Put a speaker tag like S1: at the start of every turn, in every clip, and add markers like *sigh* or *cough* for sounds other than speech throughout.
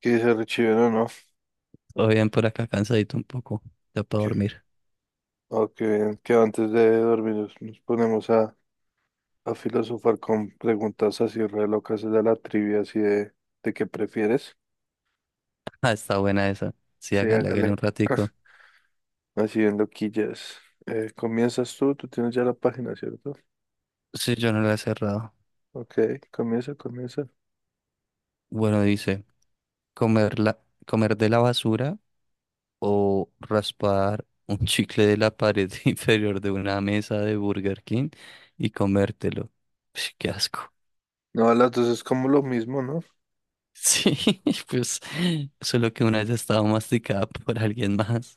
S1: Que dice Richie, no, no,
S2: Todo bien por acá, cansadito un poco. Ya puedo
S1: que,
S2: dormir. *laughs*
S1: qué bien, que antes de dormir nos ponemos a filosofar con preguntas así re locas de la trivia, así de qué prefieres.
S2: Ah, está buena esa. Sí,
S1: Sí,
S2: hágale, hágale
S1: hágale,
S2: un ratico.
S1: así en loquillas. Comienzas tú, tienes ya la página, ¿cierto?
S2: Sí, yo no la he cerrado.
S1: Ok, comienza.
S2: Bueno, dice, comer la, comer de la basura o raspar un *laughs* chicle de la pared *laughs* inferior de una mesa de Burger King y comértelo. Ush, qué asco.
S1: No, a las dos es como lo mismo, ¿no?
S2: Sí, *laughs* pues solo que una vez estaba masticada por alguien más.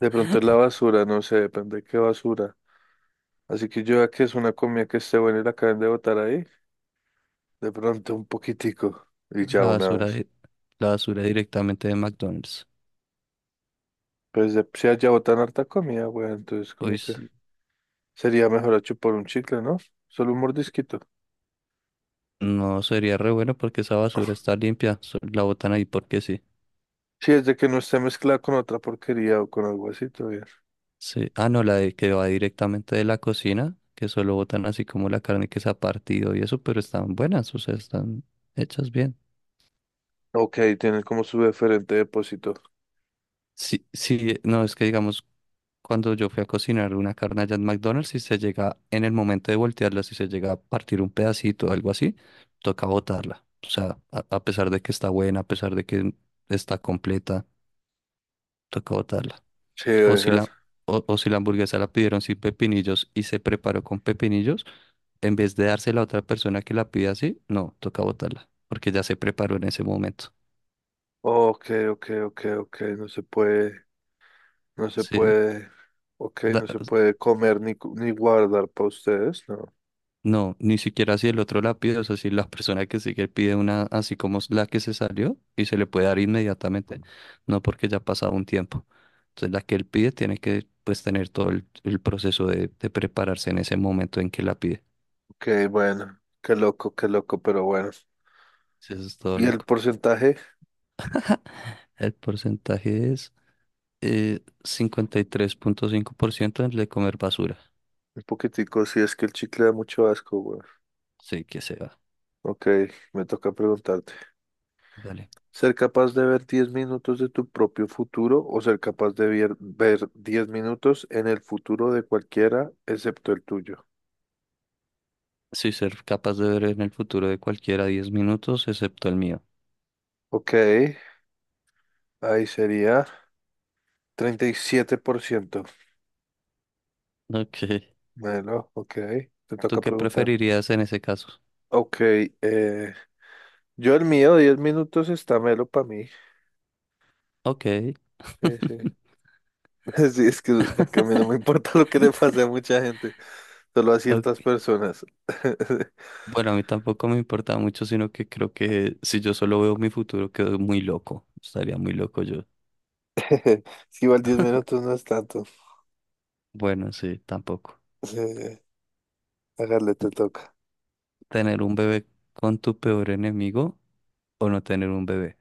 S1: De pronto es la basura, no sé, depende de qué basura. Así que yo ya que es una comida que esté buena y la acaben de botar ahí, de pronto un poquitico y ya
S2: La
S1: una
S2: basura,
S1: vez.
S2: de- la basura directamente de McDonald's.
S1: Si allá botan harta comida, güey, entonces como
S2: Uy,
S1: que
S2: sí.
S1: sería mejor a chupar un chicle, ¿no? Solo un mordisquito.
S2: No sería re bueno porque esa basura está limpia. La botan ahí porque sí.
S1: Si es de que no esté mezclada con otra porquería o con algo así, todo bien.
S2: Sí. Ah, no, la de que va directamente de la cocina, que solo botan así como la carne que se ha partido y eso, pero están buenas, o sea, están hechas bien.
S1: Ok, tienen como su diferente depósito.
S2: Sí, sí, no, es que digamos, cuando yo fui a cocinar una carne allá en McDonald's, si se llega en el momento de voltearla, si se llega a partir un pedacito o algo así, toca botarla. O sea, a pesar de que está buena, a pesar de que está completa, toca botarla.
S1: Sí,
S2: O si
S1: dejan.
S2: la, o si la hamburguesa la pidieron sin pepinillos y se preparó con pepinillos, en vez de dársela a otra persona que la pida así, no, toca botarla, porque ya se preparó en ese momento.
S1: Ok, ok, no se puede, no se
S2: Sí,
S1: puede, ok,
S2: da-
S1: no se puede comer ni guardar para ustedes, ¿no?
S2: no, ni siquiera si el otro la pide, o sea, si la persona que sigue pide una así como es la que se salió y se le puede dar inmediatamente, no porque ya ha pasado un tiempo. Entonces la que él pide tiene que pues tener todo el proceso de prepararse en ese momento en que la pide.
S1: Ok, bueno, qué loco, pero bueno.
S2: Sí. Eso es todo
S1: ¿Y el
S2: loco.
S1: porcentaje?
S2: El porcentaje es... 53.5% de comer basura.
S1: Un poquitico, si es que el chicle da mucho asco, güey.
S2: Sí, que se va.
S1: Ok, me toca preguntarte.
S2: Dale.
S1: ¿Ser capaz de ver 10 minutos de tu propio futuro o ser capaz de ver 10 minutos en el futuro de cualquiera excepto el tuyo?
S2: Sí, ser capaz de ver en el futuro de cualquiera 10 minutos, excepto el mío.
S1: Ok, ahí sería 37%.
S2: Ok. *laughs*
S1: Bueno, ok, te
S2: ¿Tú
S1: toca
S2: qué
S1: preguntar.
S2: preferirías en ese caso?
S1: Ok, eh, yo el mío, 10 minutos está melo para mí.
S2: Ok.
S1: Sí, sí. *laughs* Sí, es que para a mí no me importa lo que le pase a mucha gente, solo a ciertas
S2: Ok.
S1: personas. *laughs*
S2: Bueno, a mí tampoco me importa mucho, sino que creo que si yo solo veo mi futuro, quedo muy loco. Estaría muy loco yo.
S1: Es que igual 10 minutos no es tanto.
S2: Bueno, sí, tampoco.
S1: Sí, hágale, te toca.
S2: ¿Tener un bebé con tu peor enemigo o no tener un bebé?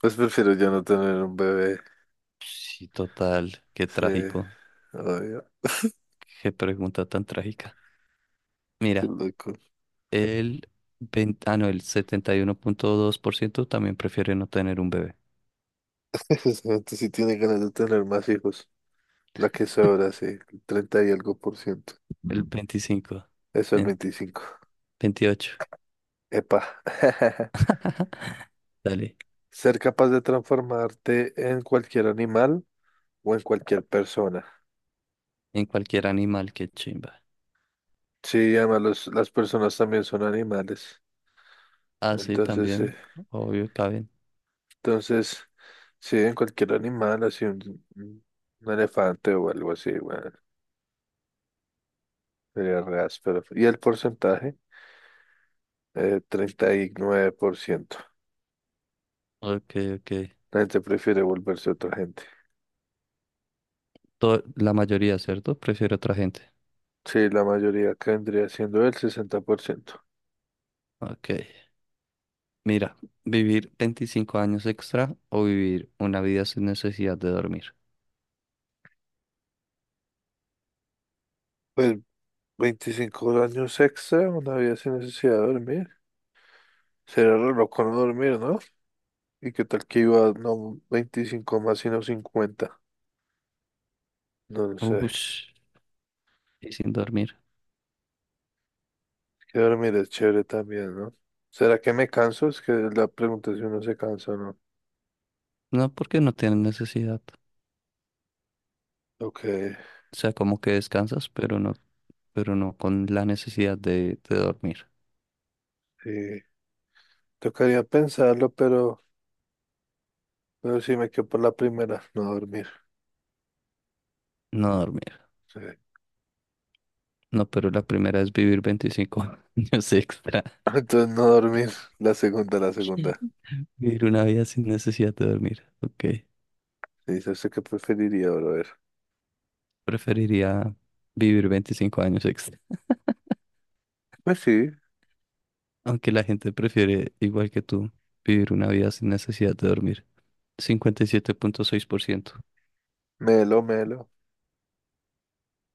S1: Pues prefiero ya no tener un bebé.
S2: Sí, total. Qué
S1: Sí,
S2: trágico.
S1: obvio.
S2: Qué pregunta tan trágica.
S1: Qué
S2: Mira,
S1: loco.
S2: el 20 ah, no, el 71.2% también prefiere no tener un bebé.
S1: *laughs* Esa gente sí tiene ganas de tener más hijos. La que sobra, sí. El 30 y algo por ciento.
S2: El 25,
S1: Eso el
S2: ent-
S1: veinticinco,
S2: 28,
S1: epa. *laughs*
S2: dale.
S1: Ser capaz de transformarte en cualquier animal o en cualquier persona.
S2: En cualquier animal, que chimba.
S1: Sí, además las personas también son animales.
S2: Ah, sí,
S1: Entonces, sí.
S2: también, obvio, caben.
S1: Entonces, sí, en cualquier animal, así un elefante o algo así, güey. Sería re áspero. ¿Y el porcentaje? Treinta y nueve por ciento.
S2: Ok, ok.
S1: La gente prefiere volverse otra gente.
S2: La mayoría, ¿cierto? Prefiere otra gente.
S1: Sí, la mayoría acá vendría siendo el 60%.
S2: Ok. Mira, vivir 25 años extra o vivir una vida sin necesidad de dormir.
S1: Pues veinticinco años extra, una vida sin necesidad de dormir. Sería re loco no dormir, ¿no? ¿Y qué tal que iba, no 25 más, sino 50? No lo sé.
S2: Ush, y sin dormir.
S1: Que dormir es chévere también, ¿no? ¿Será que me canso? Es que la pregunta es si uno se cansa o no.
S2: No, porque no tienen necesidad.
S1: Ok,
S2: O sea, como que descansas, pero no con la necesidad de dormir.
S1: sí. Tocaría pensarlo, pero... pero sí me quedo por la primera, no dormir.
S2: No dormir.
S1: Sí. *laughs*
S2: No, pero la primera es vivir 25 *laughs* años extra.
S1: Entonces no dormir, la segunda.
S2: Vivir una vida sin necesidad de dormir. Ok.
S1: Sí, dice usted que preferiría, ver.
S2: Preferiría vivir 25 años extra.
S1: Pues sí,
S2: Aunque la gente prefiere, igual que tú, vivir una vida sin necesidad de dormir. 57.6%.
S1: melo, melo.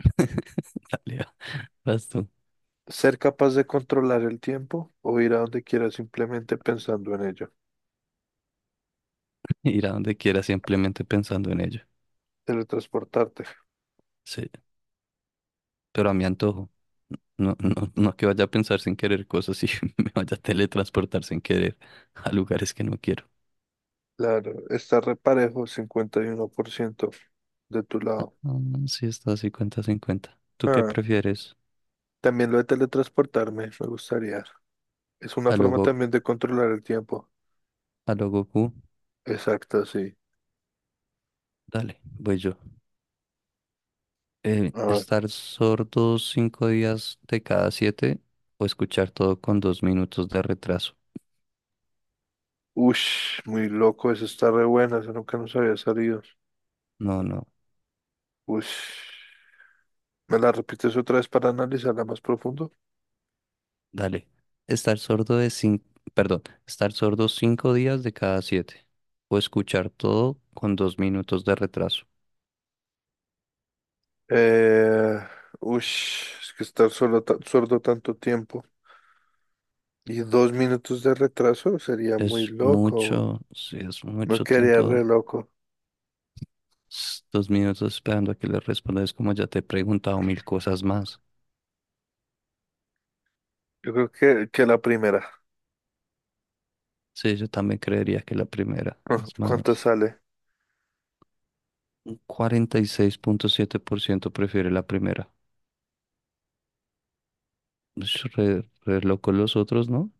S2: *laughs* Dale, va. Vas tú.
S1: Ser capaz de controlar el tiempo o ir a donde quieras simplemente pensando en ello.
S2: Ir a donde quieras simplemente pensando en ello.
S1: Teletransportarte.
S2: Sí, pero a mi antojo. No, no, no que vaya a pensar sin querer cosas y *laughs* me vaya a teletransportar sin querer a lugares que no quiero.
S1: Claro, está reparejo, 51% de tu lado.
S2: Mm, sí, está 50-50. ¿Tú qué
S1: Ah,
S2: prefieres?
S1: también lo de teletransportarme, me gustaría. Es una
S2: ¿A
S1: forma
S2: logo,
S1: también de controlar el tiempo.
S2: a lo Goku?
S1: Exacto, sí.
S2: Dale, voy yo.
S1: A
S2: ¿Estar sordo 5 días de cada 7 o escuchar todo con 2 minutos de retraso?
S1: ush, muy loco, eso está re buena, eso nunca nos había salido.
S2: No, no,
S1: Ush, ¿me la repites otra vez para analizarla más profundo?
S2: dale. Estar sordo de cinco, perdón, estar sordo cinco días de cada siete o escuchar todo con dos minutos de retraso.
S1: Eh, Ush, es que estar solo sordo tanto tiempo y dos minutos de retraso sería muy
S2: Es
S1: loco,
S2: mucho, sí, es
S1: no
S2: mucho
S1: quedaría re
S2: tiempo,
S1: loco.
S2: 2 minutos esperando a que le responda. Es como ya te he preguntado mil cosas más.
S1: Yo creo que la primera.
S2: Sí, yo también creería que la primera. Es
S1: *laughs* ¿Cuánto
S2: más,
S1: sale?
S2: 46.7% prefiere la primera. Ush, Re loco los otros, ¿no?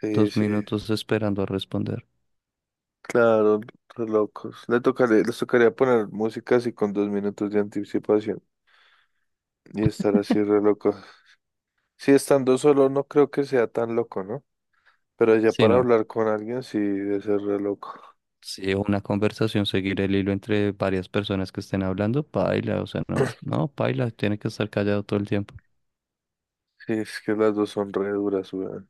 S1: Sí,
S2: Dos
S1: sí,
S2: minutos esperando a responder.
S1: claro, re locos. Les tocaría poner música así con dos minutos de anticipación y estar así re loco. Sí, estando solo no creo que sea tan loco, ¿no? Pero ya
S2: Si
S1: para
S2: no,
S1: hablar con alguien sí debe ser re loco.
S2: si una conversación, seguir el hilo entre varias personas que estén hablando, paila, o sea, no, no, paila, tiene que estar callado todo el tiempo.
S1: Sí, es que las dos son re duras, weón.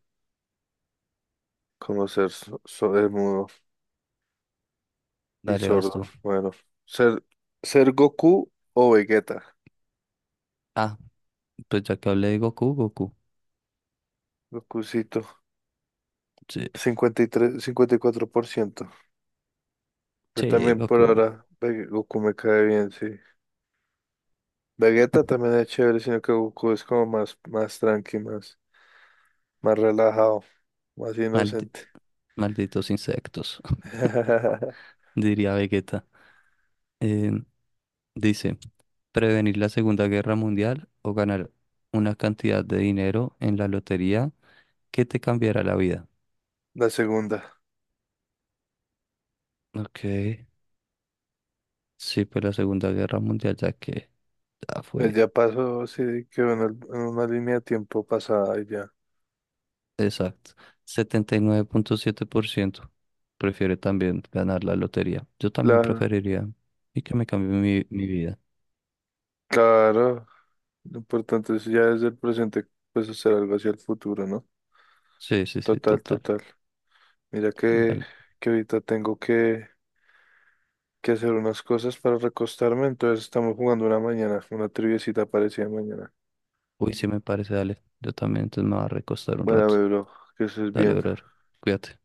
S1: Como ser mudo y
S2: Dale, vas
S1: sordo.
S2: tú.
S1: Bueno, ser, ser Goku o Vegeta.
S2: Ah, pues ya que hablé de Goku, Goku.
S1: Gokucito,
S2: Sí,
S1: cincuenta y cuatro por ciento. Yo
S2: sí,
S1: también por
S2: Goku.
S1: ahora, Goku me cae bien, sí. Vegeta también es chévere, sino que Goku es como más tranqui, más relajado, más
S2: Maldi-
S1: inocente.
S2: Malditos insectos, *laughs*
S1: *laughs*
S2: diría Vegeta. Eh, Dice, prevenir la Segunda Guerra Mundial o ganar una cantidad de dinero en la lotería que te cambiará la vida.
S1: La segunda.
S2: Ok, sí, pues la Segunda Guerra Mundial ya que ya
S1: Pues
S2: fue.
S1: ya pasó, sí, quedó en una línea de tiempo pasada y ya.
S2: Exacto. 79.7% prefiere también ganar la lotería. Yo también
S1: Claro,
S2: preferiría y que me cambie mi vida.
S1: claro. Lo importante es ya desde el presente, pues hacer algo hacia el futuro, ¿no?
S2: Sí, sí, sí,
S1: Total,
S2: total.
S1: total. Mira
S2: Dale.
S1: que ahorita tengo que hacer unas cosas para recostarme, entonces estamos jugando una mañana, una triviecita parecida mañana.
S2: Uy, sí me parece, dale. Yo también, entonces me voy a recostar un
S1: Bueno,
S2: rato.
S1: mi bro, que estés
S2: Dale,
S1: bien.
S2: brother. Cuídate.